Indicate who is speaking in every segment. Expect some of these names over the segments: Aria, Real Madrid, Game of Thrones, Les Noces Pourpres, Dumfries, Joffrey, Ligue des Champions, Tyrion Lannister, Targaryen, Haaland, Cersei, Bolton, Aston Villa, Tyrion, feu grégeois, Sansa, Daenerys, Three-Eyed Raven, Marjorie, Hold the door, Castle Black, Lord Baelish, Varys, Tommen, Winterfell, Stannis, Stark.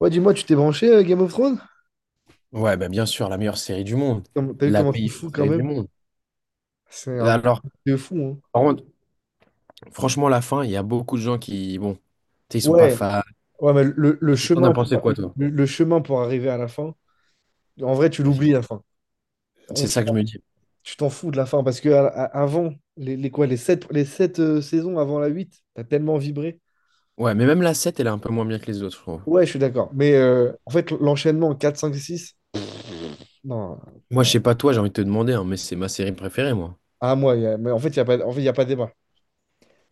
Speaker 1: Ouais, dis-moi, tu t'es branché Game of Thrones?
Speaker 2: Ouais, bah, bien sûr, la meilleure série du monde.
Speaker 1: T'as vu
Speaker 2: La
Speaker 1: comment c'est
Speaker 2: meilleure
Speaker 1: fou quand
Speaker 2: série du
Speaker 1: même?
Speaker 2: monde.
Speaker 1: C'est un
Speaker 2: Bah, alors,
Speaker 1: truc de fou, hein.
Speaker 2: par contre, franchement, la fin, il y a beaucoup de gens qui, bon, tu sais, ils sont pas
Speaker 1: Ouais,
Speaker 2: fans.
Speaker 1: ouais, mais le
Speaker 2: T'en as
Speaker 1: chemin pour,
Speaker 2: pensé quoi, toi?
Speaker 1: le chemin pour arriver à la fin, en vrai, tu l'oublies
Speaker 2: Vas-y.
Speaker 1: la fin. On-
Speaker 2: C'est ça que je me dis.
Speaker 1: tu t'en fous de la fin parce que avant, les quoi, les sept saisons avant la 8 t'as tellement vibré.
Speaker 2: Ouais, mais même la sept elle est un peu moins bien que les autres, je trouve.
Speaker 1: Ouais, je suis d'accord. Mais en fait, l'enchaînement 4 5 6 non,
Speaker 2: Moi, je
Speaker 1: non.
Speaker 2: sais pas toi, j'ai envie de te demander, hein, mais c'est ma série préférée, moi.
Speaker 1: À moi, mais en fait, il n'y a pas, en fait, il y a pas débat.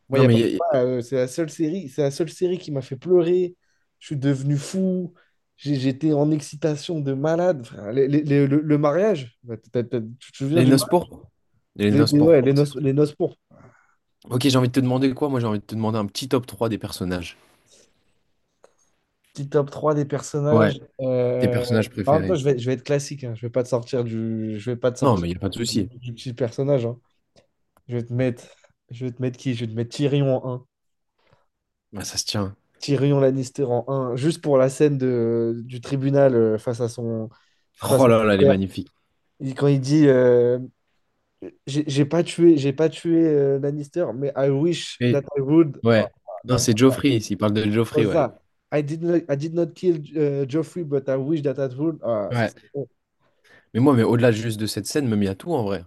Speaker 1: Moi, il
Speaker 2: Non,
Speaker 1: n'y a
Speaker 2: mais
Speaker 1: pas de débat, c'est la seule série qui m'a fait pleurer. Je suis devenu fou. J'étais en excitation de malade. Enfin, le mariage, bah, tu te souviens
Speaker 2: les
Speaker 1: du
Speaker 2: Noces
Speaker 1: mariage?
Speaker 2: Pourpres. Les Noces
Speaker 1: Ouais,
Speaker 2: Pourpres.
Speaker 1: les noces pourpres.
Speaker 2: Ok, j'ai envie de te demander quoi? Moi, j'ai envie de te demander un petit top 3 des personnages.
Speaker 1: Petit top 3 des
Speaker 2: Ouais,
Speaker 1: personnages.
Speaker 2: tes personnages
Speaker 1: En même temps,
Speaker 2: préférés.
Speaker 1: je vais être classique, hein. Je vais pas te
Speaker 2: Non,
Speaker 1: sortir
Speaker 2: mais il n'y a pas de
Speaker 1: du,
Speaker 2: souci.
Speaker 1: du petit personnage, hein. Je vais te mettre, je vais te mettre qui? Je vais te mettre Tyrion en 1.
Speaker 2: Bah, ça se tient.
Speaker 1: Tyrion Lannister en 1. Juste pour la scène du tribunal face à son,
Speaker 2: Oh
Speaker 1: face à
Speaker 2: là
Speaker 1: son
Speaker 2: là, elle est magnifique.
Speaker 1: quand il dit j'ai pas tué Lannister, mais I wish that
Speaker 2: Et
Speaker 1: I would. Ah,
Speaker 2: ouais.
Speaker 1: ah,
Speaker 2: Non,
Speaker 1: non, mais
Speaker 2: c'est Joffrey, s'il parle de
Speaker 1: pas
Speaker 2: Joffrey, ouais.
Speaker 1: ça. I did not kill Joffrey, but I wish that I would. Ah, ça,
Speaker 2: Ouais.
Speaker 1: c'est bon.
Speaker 2: Mais moi, mais au-delà juste de cette scène, même il y a tout en vrai.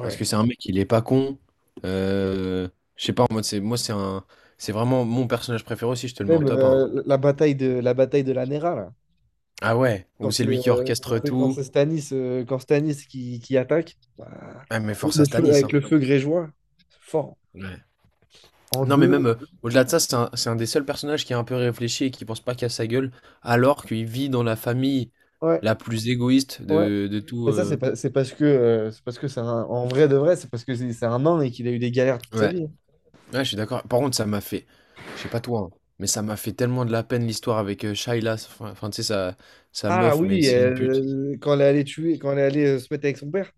Speaker 2: Parce que c'est un mec, il est pas con. Euh, je sais pas, en mode, c'est, moi, c'est un, c'est vraiment mon personnage préféré aussi, je te le mets en
Speaker 1: Même
Speaker 2: top 1.
Speaker 1: la bataille de la Nera, là.
Speaker 2: Ah ouais,
Speaker 1: Quand
Speaker 2: ou c'est
Speaker 1: c'est
Speaker 2: lui qui
Speaker 1: euh, quand
Speaker 2: orchestre
Speaker 1: c'est quand
Speaker 2: tout.
Speaker 1: c'est Stannis, quand Stannis qui attaque, bah,
Speaker 2: Ah, mais force à Stanis hein.
Speaker 1: avec le feu grégeois, fort.
Speaker 2: Ouais.
Speaker 1: En
Speaker 2: Non, mais même
Speaker 1: deux,
Speaker 2: au-delà de ça, c'est un des seuls personnages qui est un peu réfléchi et qui pense pas qu'à sa gueule, alors qu'il vit dans la famille
Speaker 1: ouais,
Speaker 2: la plus égoïste
Speaker 1: ouais.
Speaker 2: de tout.
Speaker 1: Et ça, c'est pas- c'est parce que c'est parce que c'est un, en vrai de vrai, c'est parce que c'est un nain et qu'il a eu des galères toute sa
Speaker 2: Ouais.
Speaker 1: vie.
Speaker 2: Ouais, je suis d'accord. Par contre, ça m'a fait, je sais pas toi, hein, mais ça m'a fait tellement de la peine l'histoire avec Shaila, enfin, tu sais, sa, sa
Speaker 1: Ah
Speaker 2: meuf, mais
Speaker 1: oui,
Speaker 2: c'est une pute.
Speaker 1: quand elle est allée se mettre avec son père.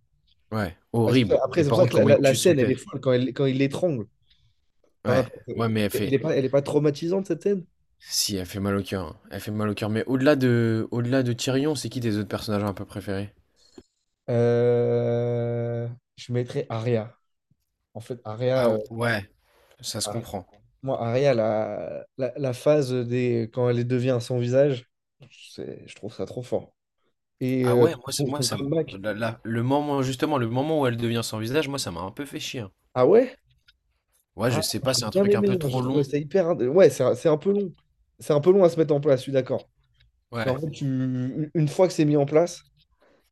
Speaker 2: Ouais,
Speaker 1: Ah,
Speaker 2: horrible.
Speaker 1: après,
Speaker 2: Et
Speaker 1: c'est
Speaker 2: par
Speaker 1: pour ça
Speaker 2: contre,
Speaker 1: que la,
Speaker 2: comment
Speaker 1: la-
Speaker 2: il
Speaker 1: la
Speaker 2: tue son
Speaker 1: scène, elle est
Speaker 2: père.
Speaker 1: folle quand, elle, quand il l'étrangle. T'en as
Speaker 2: Ouais,
Speaker 1: pas-
Speaker 2: ouais, mais elle
Speaker 1: Elle
Speaker 2: fait,
Speaker 1: est pas, elle est pas traumatisante, cette scène?
Speaker 2: si, elle fait mal au cœur, hein. Elle fait mal au cœur. Mais au-delà de Tyrion, c'est qui tes autres personnages un peu préférés?
Speaker 1: Euh, Je mettrais Aria. En fait,
Speaker 2: Ah ouais, ça se
Speaker 1: Aria-
Speaker 2: comprend.
Speaker 1: moi, Aria, la phase quand elle devient sans visage, je trouve ça trop fort. Et
Speaker 2: Ah ouais, moi, c'est-
Speaker 1: son,
Speaker 2: moi
Speaker 1: son
Speaker 2: ça, me-
Speaker 1: comeback.
Speaker 2: Là, là, le moment, justement, le moment où elle devient sans visage, moi, ça m'a un peu fait chier, hein.
Speaker 1: Ah ouais?
Speaker 2: Ouais, je
Speaker 1: Ah,
Speaker 2: sais pas,
Speaker 1: j'ai
Speaker 2: c'est un
Speaker 1: bien
Speaker 2: truc un peu
Speaker 1: aimé, hein, j'ai
Speaker 2: trop
Speaker 1: trouvé
Speaker 2: long.
Speaker 1: ça hyper. Ouais, c'est un peu long. C'est un peu long à se mettre en place, je suis d'accord. Mais
Speaker 2: Ouais.
Speaker 1: en fait, une fois que c'est mis en place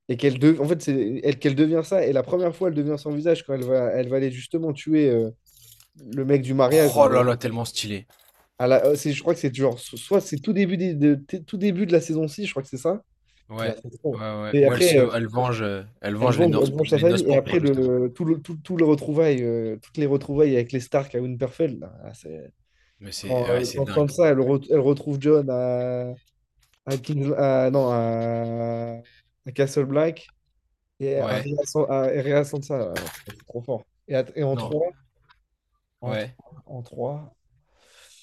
Speaker 1: et en fait, c'est elle qu'elle devient ça, et la première fois, elle devient sans visage quand elle va aller justement tuer le mec du mariage. Là,
Speaker 2: Oh là là, tellement stylé.
Speaker 1: je crois que c'est genre, soit c'est tout début de la saison 6, je crois que c'est ça. Là,
Speaker 2: Ouais,
Speaker 1: c'est trop.
Speaker 2: ouais, ouais.
Speaker 1: Et
Speaker 2: Ou
Speaker 1: après,
Speaker 2: elle
Speaker 1: elle
Speaker 2: venge les
Speaker 1: venge, elle
Speaker 2: norces
Speaker 1: venge sa
Speaker 2: les noces
Speaker 1: famille. Et
Speaker 2: pourpres
Speaker 1: après,
Speaker 2: justement.
Speaker 1: le, tout, tout le retrouvaille, toutes les retrouvailles avec les Stark à Winterfell, là, là, c'est.
Speaker 2: Mais c'est
Speaker 1: Quand,
Speaker 2: ouais,
Speaker 1: euh,
Speaker 2: c'est
Speaker 1: quand
Speaker 2: dingue.
Speaker 1: Sansa, elle retrouve John à, non, à Castle Black et à
Speaker 2: Ouais,
Speaker 1: À Rhea Sansa, là, non, putain, c'est trop fort. Et en
Speaker 2: non,
Speaker 1: 3 en
Speaker 2: ouais.
Speaker 1: trois en trois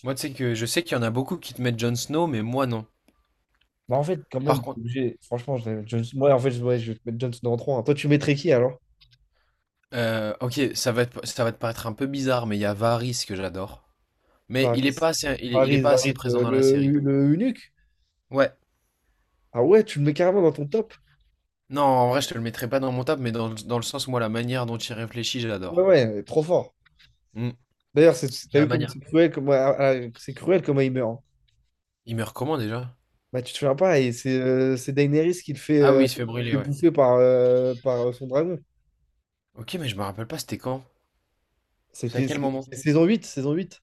Speaker 2: Moi, tu sais que je sais qu'il y en a beaucoup qui te mettent Jon Snow, mais moi non.
Speaker 1: Bah, en fait, quand
Speaker 2: Par
Speaker 1: même, t'es
Speaker 2: contre,
Speaker 1: obligé. Franchement, je vais mettre Jon- moi, en fait, je ouais, je vais te mettre Jon Snow en trois, hein. Toi, tu mettrais qui alors?
Speaker 2: OK, ça va te paraître un peu bizarre, mais il y a Varys que j'adore. Mais
Speaker 1: Varys.
Speaker 2: il est pas assez présent dans la
Speaker 1: Le,
Speaker 2: série.
Speaker 1: le eunuque.
Speaker 2: Ouais.
Speaker 1: Ah ouais, tu le mets carrément dans ton top.
Speaker 2: Non, en vrai, je te le mettrai pas dans mon top, mais dans le sens, moi, la manière dont il réfléchit, je
Speaker 1: Ouais,
Speaker 2: l'adore.
Speaker 1: ouais, trop fort.
Speaker 2: Mmh.
Speaker 1: D'ailleurs, t'as
Speaker 2: La
Speaker 1: vu comme
Speaker 2: manière.
Speaker 1: c'est cruel, comme c'est cruel comment il meurt, hein.
Speaker 2: Il meurt comment déjà?
Speaker 1: Bah, tu te souviens pas, et c'est Daenerys
Speaker 2: Ah oui, il se fait brûler,
Speaker 1: qui le fait
Speaker 2: ouais.
Speaker 1: bouffer par, son dragon.
Speaker 2: OK, mais je me rappelle pas, c'était quand? C'est à
Speaker 1: C'était
Speaker 2: quel
Speaker 1: c'est-
Speaker 2: moment?
Speaker 1: c'est saison 8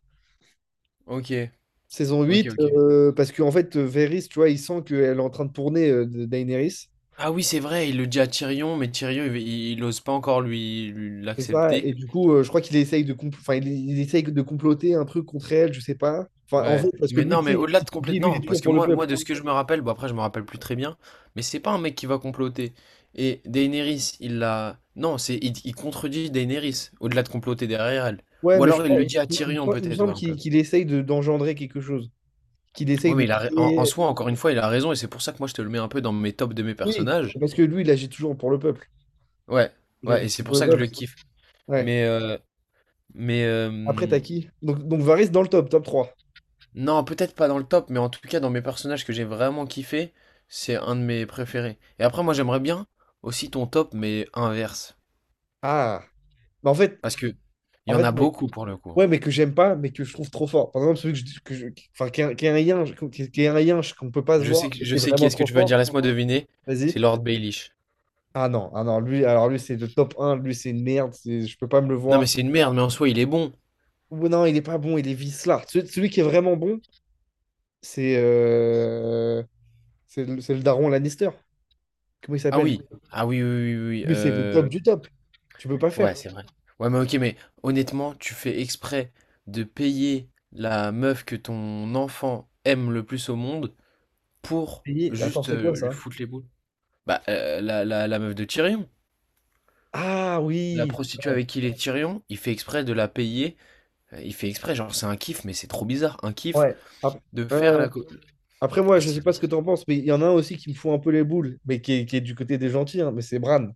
Speaker 2: OK. Ok, ok.
Speaker 1: Parce qu'en fait, Varys, tu vois, il sent qu'elle est en train de tourner, de Daenerys.
Speaker 2: Ah oui, c'est vrai, il le dit à Tyrion, mais Tyrion, il ose pas encore
Speaker 1: C'est ça,
Speaker 2: l'accepter.
Speaker 1: et du coup, je crois qu'il essaye enfin, il essaye de comploter un truc contre elle, je sais pas. Enfin, en
Speaker 2: Ouais.
Speaker 1: fait, parce que
Speaker 2: Mais
Speaker 1: lui,
Speaker 2: non,
Speaker 1: tu
Speaker 2: mais
Speaker 1: sais,
Speaker 2: au-delà
Speaker 1: il
Speaker 2: de
Speaker 1: se dit, lui,
Speaker 2: complètement...
Speaker 1: il
Speaker 2: Non,
Speaker 1: est
Speaker 2: parce
Speaker 1: toujours
Speaker 2: que
Speaker 1: pour le
Speaker 2: moi,
Speaker 1: peuple.
Speaker 2: moi, de ce que je me rappelle, bon après, je me rappelle plus très bien, mais c'est pas un mec qui va comploter. Et Daenerys, il l'a... Non, c'est il contredit Daenerys, au-delà de comploter derrière elle.
Speaker 1: Ouais,
Speaker 2: Ou
Speaker 1: mais je
Speaker 2: alors il
Speaker 1: crois,
Speaker 2: le dit à Tyrion,
Speaker 1: il me
Speaker 2: peut-être, ouais,
Speaker 1: semble
Speaker 2: un peu.
Speaker 1: qu'il essaye d'engendrer quelque chose, qu'il
Speaker 2: Ouais,
Speaker 1: essaye
Speaker 2: mais
Speaker 1: de
Speaker 2: en, en
Speaker 1: créer.
Speaker 2: soi, encore une fois, il a raison, et c'est pour ça que moi, je te le mets un peu dans mes tops de mes
Speaker 1: Oui,
Speaker 2: personnages.
Speaker 1: parce que lui, il agit toujours pour le peuple.
Speaker 2: Ouais,
Speaker 1: Il agit
Speaker 2: ouais, et c'est
Speaker 1: toujours
Speaker 2: pour
Speaker 1: pour le
Speaker 2: ça que je
Speaker 1: peuple.
Speaker 2: le kiffe.
Speaker 1: Ouais.
Speaker 2: Mais, euh, mais, euh,
Speaker 1: Après, t'as qui? Donc, Varese dans le top trois.
Speaker 2: Non, peut-être pas dans le top, mais en tout cas dans mes personnages que j'ai vraiment kiffé, c'est un de mes préférés. Et après, moi j'aimerais bien aussi ton top, mais inverse.
Speaker 1: Ah. Mais en fait,
Speaker 2: Parce que il y en a
Speaker 1: ouais.
Speaker 2: beaucoup pour le coup.
Speaker 1: Ouais, mais que j'aime pas, mais que je trouve trop fort. Par exemple, celui enfin, qui est un lien, qui est un lien qu'on peut pas se voir, mais
Speaker 2: Je
Speaker 1: qui est
Speaker 2: sais qui
Speaker 1: vraiment
Speaker 2: est-ce que
Speaker 1: trop
Speaker 2: tu vas dire,
Speaker 1: fort.
Speaker 2: laisse-moi deviner. C'est
Speaker 1: Vas-y.
Speaker 2: Lord Baelish.
Speaker 1: Ah non, ah non, alors lui, c'est le top un, lui, c'est une merde, je peux pas me le
Speaker 2: Non, mais
Speaker 1: voir.
Speaker 2: c'est une merde, mais en soi il est bon.
Speaker 1: Ou non, il est pas bon, il est vicelard. Celui qui est vraiment bon, c'est euh, c'est le daron Lannister. Comment il
Speaker 2: Ah
Speaker 1: s'appelle?
Speaker 2: oui, ah oui, oui, oui. oui,
Speaker 1: Lui, c'est le
Speaker 2: euh,
Speaker 1: top du top. Tu peux pas
Speaker 2: ouais,
Speaker 1: faire.
Speaker 2: c'est vrai. Ouais, mais ok, mais honnêtement, tu fais exprès de payer la meuf que ton enfant aime le plus au monde pour
Speaker 1: Attends,
Speaker 2: juste
Speaker 1: c'est quoi
Speaker 2: lui
Speaker 1: ça?
Speaker 2: foutre les boules. Bah, la meuf de Tyrion,
Speaker 1: Ah
Speaker 2: la
Speaker 1: oui,
Speaker 2: prostituée avec qui il est Tyrion, il fait exprès de la payer, il fait exprès, genre, c'est un kiff, mais c'est trop bizarre, un kiff
Speaker 1: ouais.
Speaker 2: de faire
Speaker 1: Euh,
Speaker 2: la co
Speaker 1: Après, moi,
Speaker 2: ah
Speaker 1: je
Speaker 2: c'est
Speaker 1: sais pas ce que
Speaker 2: bizarre.
Speaker 1: tu en penses, mais il y en a un aussi qui me fout un peu les boules, mais qui est du côté des gentils, hein, mais c'est Bran.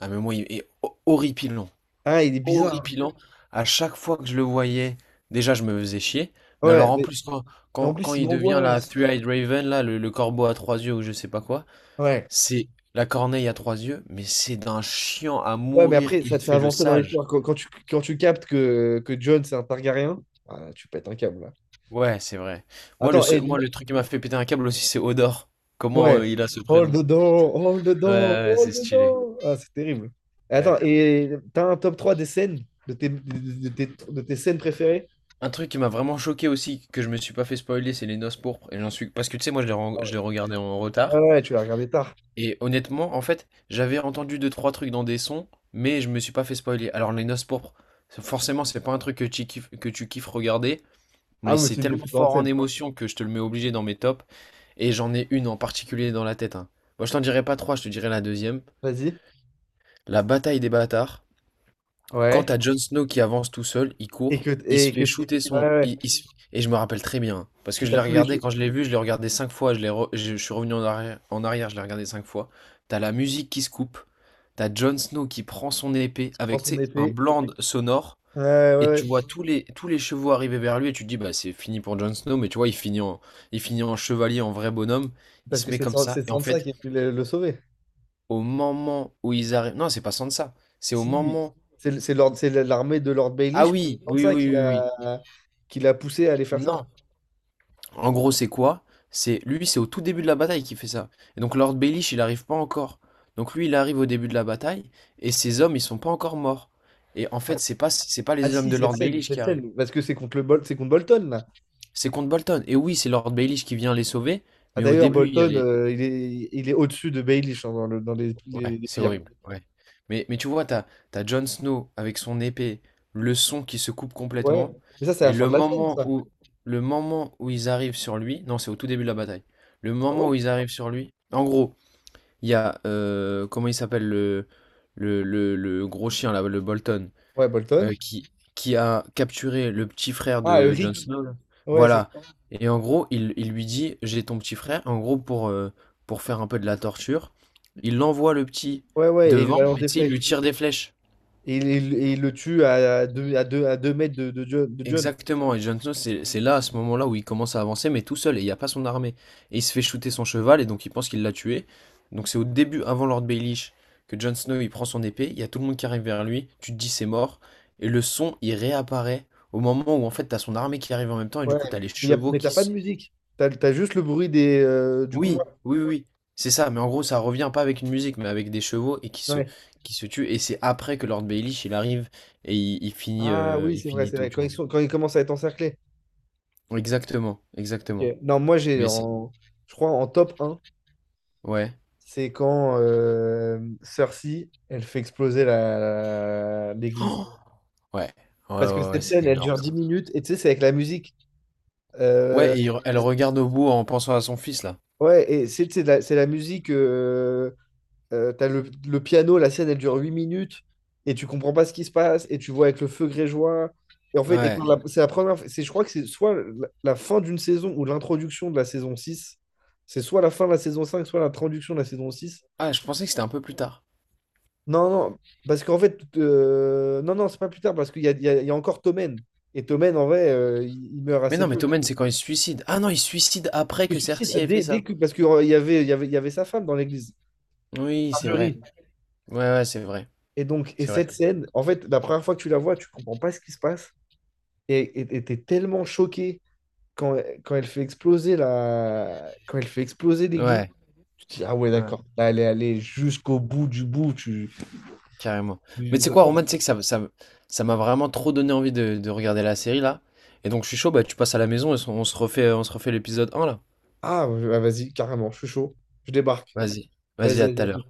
Speaker 2: Ah mais moi, il est ho horripilant,
Speaker 1: Ah, il est bizarre,
Speaker 2: horripilant. À chaque fois que je le voyais, déjà, je me faisais chier,
Speaker 1: hein.
Speaker 2: mais alors,
Speaker 1: Ouais,
Speaker 2: en plus,
Speaker 1: et en
Speaker 2: quand
Speaker 1: plus, il
Speaker 2: il devient la
Speaker 1: m'angoisse.
Speaker 2: Three-Eyed Raven, là, le corbeau à 3 yeux ou je sais pas quoi,
Speaker 1: Ouais.
Speaker 2: c'est la corneille à 3 yeux, mais c'est d'un chiant à
Speaker 1: Ouais, mais
Speaker 2: mourir,
Speaker 1: après,
Speaker 2: il
Speaker 1: ça te fait
Speaker 2: fait le
Speaker 1: avancer dans
Speaker 2: sage.
Speaker 1: l'histoire. Quand tu captes que Jon, c'est un Targaryen, ah, là, tu pètes un câble, là.
Speaker 2: Ouais, c'est vrai.
Speaker 1: Attends, et
Speaker 2: Moi, le truc qui m'a fait péter un câble aussi, c'est Odor. Comment
Speaker 1: ouais.
Speaker 2: il a ce
Speaker 1: Hold
Speaker 2: prénom?
Speaker 1: the door, hold the
Speaker 2: Ouais,
Speaker 1: door,
Speaker 2: ouais, ouais, c'est
Speaker 1: hold the
Speaker 2: stylé.
Speaker 1: door. Ah, c'est terrible.
Speaker 2: Ouais.
Speaker 1: Attends, et t'as un top 3 des scènes, de tes scènes préférées?
Speaker 2: Un truc qui m'a vraiment choqué aussi, que je me suis pas fait spoiler, c'est les Noces Pourpres. Et j'en suis... Parce que tu sais, moi,
Speaker 1: Ah
Speaker 2: je
Speaker 1: ouais,
Speaker 2: l'ai regardé en
Speaker 1: ah
Speaker 2: retard.
Speaker 1: ouais, tu l'as regardé tard.
Speaker 2: Et honnêtement, en fait, j'avais entendu deux, trois trucs dans des sons, mais je me suis pas fait spoiler. Alors, les Noces Pourpres, c'est- forcément, c'est pas un truc que tu kiffes regarder,
Speaker 1: Ah,
Speaker 2: mais
Speaker 1: mais
Speaker 2: c'est
Speaker 1: c'est une des
Speaker 2: tellement
Speaker 1: plus grandes
Speaker 2: fort en
Speaker 1: scènes.
Speaker 2: émotion que je te le mets obligé dans mes tops. Et j'en ai une en particulier dans la tête, hein. Moi, je t'en dirai pas trois, je te dirai la deuxième.
Speaker 1: Vas-y.
Speaker 2: La bataille des bâtards. Quand
Speaker 1: Ouais.
Speaker 2: t'as Jon Snow qui avance tout seul, il court, il se
Speaker 1: Et
Speaker 2: fait
Speaker 1: que
Speaker 2: shooter
Speaker 1: ouais,
Speaker 2: son...
Speaker 1: ouais.
Speaker 2: Et je me rappelle très bien, parce que
Speaker 1: Et
Speaker 2: je
Speaker 1: t'as
Speaker 2: l'ai
Speaker 1: tous les
Speaker 2: regardé,
Speaker 1: cheveux
Speaker 2: quand je l'ai vu, je l'ai regardé cinq fois, je, l'ai re- je suis revenu en arrière, je l'ai regardé cinq fois. T'as la musique qui se coupe, t'as Jon Snow qui prend son épée
Speaker 1: dans
Speaker 2: avec, tu
Speaker 1: son
Speaker 2: sais, un
Speaker 1: épée.
Speaker 2: blanc sonore,
Speaker 1: Ouais, ouais,
Speaker 2: et tu
Speaker 1: ouais.
Speaker 2: vois tous les chevaux arriver vers lui, et tu te dis, bah c'est fini pour Jon Snow, mais tu vois, il finit en chevalier, en vrai bonhomme, il
Speaker 1: Parce
Speaker 2: se
Speaker 1: que
Speaker 2: met
Speaker 1: c'est
Speaker 2: comme ça,
Speaker 1: C'est
Speaker 2: et en
Speaker 1: Sansa
Speaker 2: fait,
Speaker 1: qui a pu le sauver.
Speaker 2: au moment où ils arrivent... Non, c'est pas Sansa, c'est au
Speaker 1: Si
Speaker 2: moment
Speaker 1: c'est l'armée de Lord
Speaker 2: ah
Speaker 1: Baelish. C'est
Speaker 2: oui, oui,
Speaker 1: Sansa
Speaker 2: oui, oui, oui.
Speaker 1: qui l'a poussé à aller faire ça.
Speaker 2: Non. En gros, c'est quoi? C'est lui, c'est au tout début de la bataille qui fait ça. Et donc Lord Baelish, il n'arrive pas encore. Donc lui, il arrive au début de la bataille et ses hommes, ils sont pas encore morts. Et en fait,
Speaker 1: Ah,
Speaker 2: c'est pas
Speaker 1: ah
Speaker 2: les hommes
Speaker 1: si
Speaker 2: de
Speaker 1: cette
Speaker 2: Lord
Speaker 1: scène
Speaker 2: Baelish
Speaker 1: cette
Speaker 2: qui arrivent.
Speaker 1: scène parce que c'est contre Bolton là.
Speaker 2: C'est contre Bolton. Et oui, c'est Lord Baelish qui vient les sauver,
Speaker 1: Ah,
Speaker 2: mais au
Speaker 1: d'ailleurs
Speaker 2: début, il y a
Speaker 1: Bolton,
Speaker 2: les
Speaker 1: il est au-dessus de Baelish, hein, dans le dans les,
Speaker 2: ouais,
Speaker 1: les, les
Speaker 2: c'est
Speaker 1: pires.
Speaker 2: horrible, ouais. Mais tu vois, t'as, t'as Jon Snow avec son épée, le son qui se coupe
Speaker 1: Ouais.
Speaker 2: complètement,
Speaker 1: Mais ça, c'est
Speaker 2: et
Speaker 1: la fin de la scène, ça.
Speaker 2: le moment où ils arrivent sur lui, non, c'est au tout début de la bataille, le
Speaker 1: Ah
Speaker 2: moment où
Speaker 1: ouais.
Speaker 2: ils arrivent sur lui, en gros, il y a, comment il s'appelle, le gros chien là, le Bolton,
Speaker 1: Ouais,
Speaker 2: heu,
Speaker 1: Bolton.
Speaker 2: qui qui a capturé le petit frère
Speaker 1: Ah,
Speaker 2: de Jon
Speaker 1: Rick.
Speaker 2: Snow là.
Speaker 1: Ouais, c'est
Speaker 2: Voilà et en gros, il lui dit: «J'ai ton petit frère». En gros, pour faire un peu de la torture, il envoie le petit
Speaker 1: ouais, ouais, et il
Speaker 2: devant,
Speaker 1: balance
Speaker 2: mais
Speaker 1: des
Speaker 2: tu sais, il lui
Speaker 1: flèches.
Speaker 2: tire des flèches.
Speaker 1: Et, il le tue à 2 mètres de John,
Speaker 2: Exactement, et Jon Snow, c'est là, à ce moment-là, où il commence à avancer, mais tout seul, et il n'y a pas son armée. Et il se fait shooter son cheval, et donc il pense qu'il l'a tué. Donc c'est au début, avant Lord Baelish, que Jon Snow, il prend son épée, il y a tout le monde qui arrive vers lui, tu te dis c'est mort, et le son, il réapparaît au moment où, en fait, t'as son armée qui arrive en même temps, et du
Speaker 1: Ouais.
Speaker 2: coup, t'as les
Speaker 1: Mais,
Speaker 2: chevaux
Speaker 1: t'as
Speaker 2: qui
Speaker 1: pas
Speaker 2: se...
Speaker 1: de musique. T'as juste le bruit du combat.
Speaker 2: Oui, oui, oui, oui, c'est ça, mais en gros, ça revient pas avec une musique, mais avec des chevaux, et
Speaker 1: Ouais.
Speaker 2: qui se tuent, et c'est après que Lord Baelish, il arrive, et
Speaker 1: Ah oui,
Speaker 2: il
Speaker 1: c'est vrai,
Speaker 2: finit
Speaker 1: c'est
Speaker 2: tout,
Speaker 1: vrai.
Speaker 2: tu
Speaker 1: Quand ils,
Speaker 2: vois.
Speaker 1: sont- quand ils commencent à être encerclés.
Speaker 2: Exactement, exactement.
Speaker 1: Ok. Non, moi
Speaker 2: Mais c'est...
Speaker 1: je crois en top un
Speaker 2: Ouais.
Speaker 1: c'est quand Cersei, elle fait exploser l'église.
Speaker 2: Oh ouais. Ouais,
Speaker 1: Parce que
Speaker 2: ouais, ouais,
Speaker 1: cette
Speaker 2: c'est
Speaker 1: scène, elle
Speaker 2: énorme
Speaker 1: dure 10
Speaker 2: ça.
Speaker 1: minutes, et tu sais, c'est avec la musique.
Speaker 2: Ouais,
Speaker 1: Euh,
Speaker 2: elle regarde au bout en pensant à son fils là.
Speaker 1: ouais, et c'est la musique, t'as le piano, la scène, elle dure 8 minutes, et tu comprends pas ce qui se passe, et tu vois avec le feu grégeois. Et en fait, et
Speaker 2: Ouais.
Speaker 1: quand la- c'est la première, c'est, je crois que c'est soit la fin d'une saison ou l'introduction de la saison 6. C'est soit la fin de la saison 5 soit l'introduction de la saison 6.
Speaker 2: Ah, je pensais que c'était un peu plus tard.
Speaker 1: Non, non, parce qu'en fait, non, non, c'est pas plus tard, parce qu'il y a, il y a- il y a encore Tommen. Et Tommen, en vrai, il meurt
Speaker 2: Mais non,
Speaker 1: assez
Speaker 2: mais
Speaker 1: tôt.
Speaker 2: Tommen, c'est quand il se suicide. Ah non, il se suicide après
Speaker 1: Il
Speaker 2: que
Speaker 1: se suicide
Speaker 2: Cersei ait fait ça.
Speaker 1: parce qu'il y avait, il y avait, il y avait sa femme dans l'église,
Speaker 2: Oui, c'est vrai.
Speaker 1: Marjorie.
Speaker 2: Ouais, ouais, c'est vrai.
Speaker 1: Et donc,
Speaker 2: C'est vrai.
Speaker 1: cette scène, en fait, la première fois que tu la vois, tu comprends pas ce qui se passe. Et tellement choqué quand, quand elle fait exploser l'église,
Speaker 2: Ouais.
Speaker 1: tu te dis, ah ouais, d'accord,
Speaker 2: Ouais.
Speaker 1: là, elle est allée jusqu'au bout du bout.
Speaker 2: Carrément. Mais
Speaker 1: Tu-
Speaker 2: tu sais
Speaker 1: ça
Speaker 2: quoi,
Speaker 1: sent-
Speaker 2: Roman, tu sais que ça m'a vraiment trop donné envie de regarder la série là. Et donc je suis chaud, bah tu passes à la maison et on se refait l'épisode un là.
Speaker 1: Ah, ouais, ah, vas-y, carrément, je suis chaud, je débarque.
Speaker 2: Vas-y. Vas-y,
Speaker 1: Vas-y,
Speaker 2: à
Speaker 1: vas-y,
Speaker 2: tout à
Speaker 1: à tout de
Speaker 2: l'heure.
Speaker 1: suite.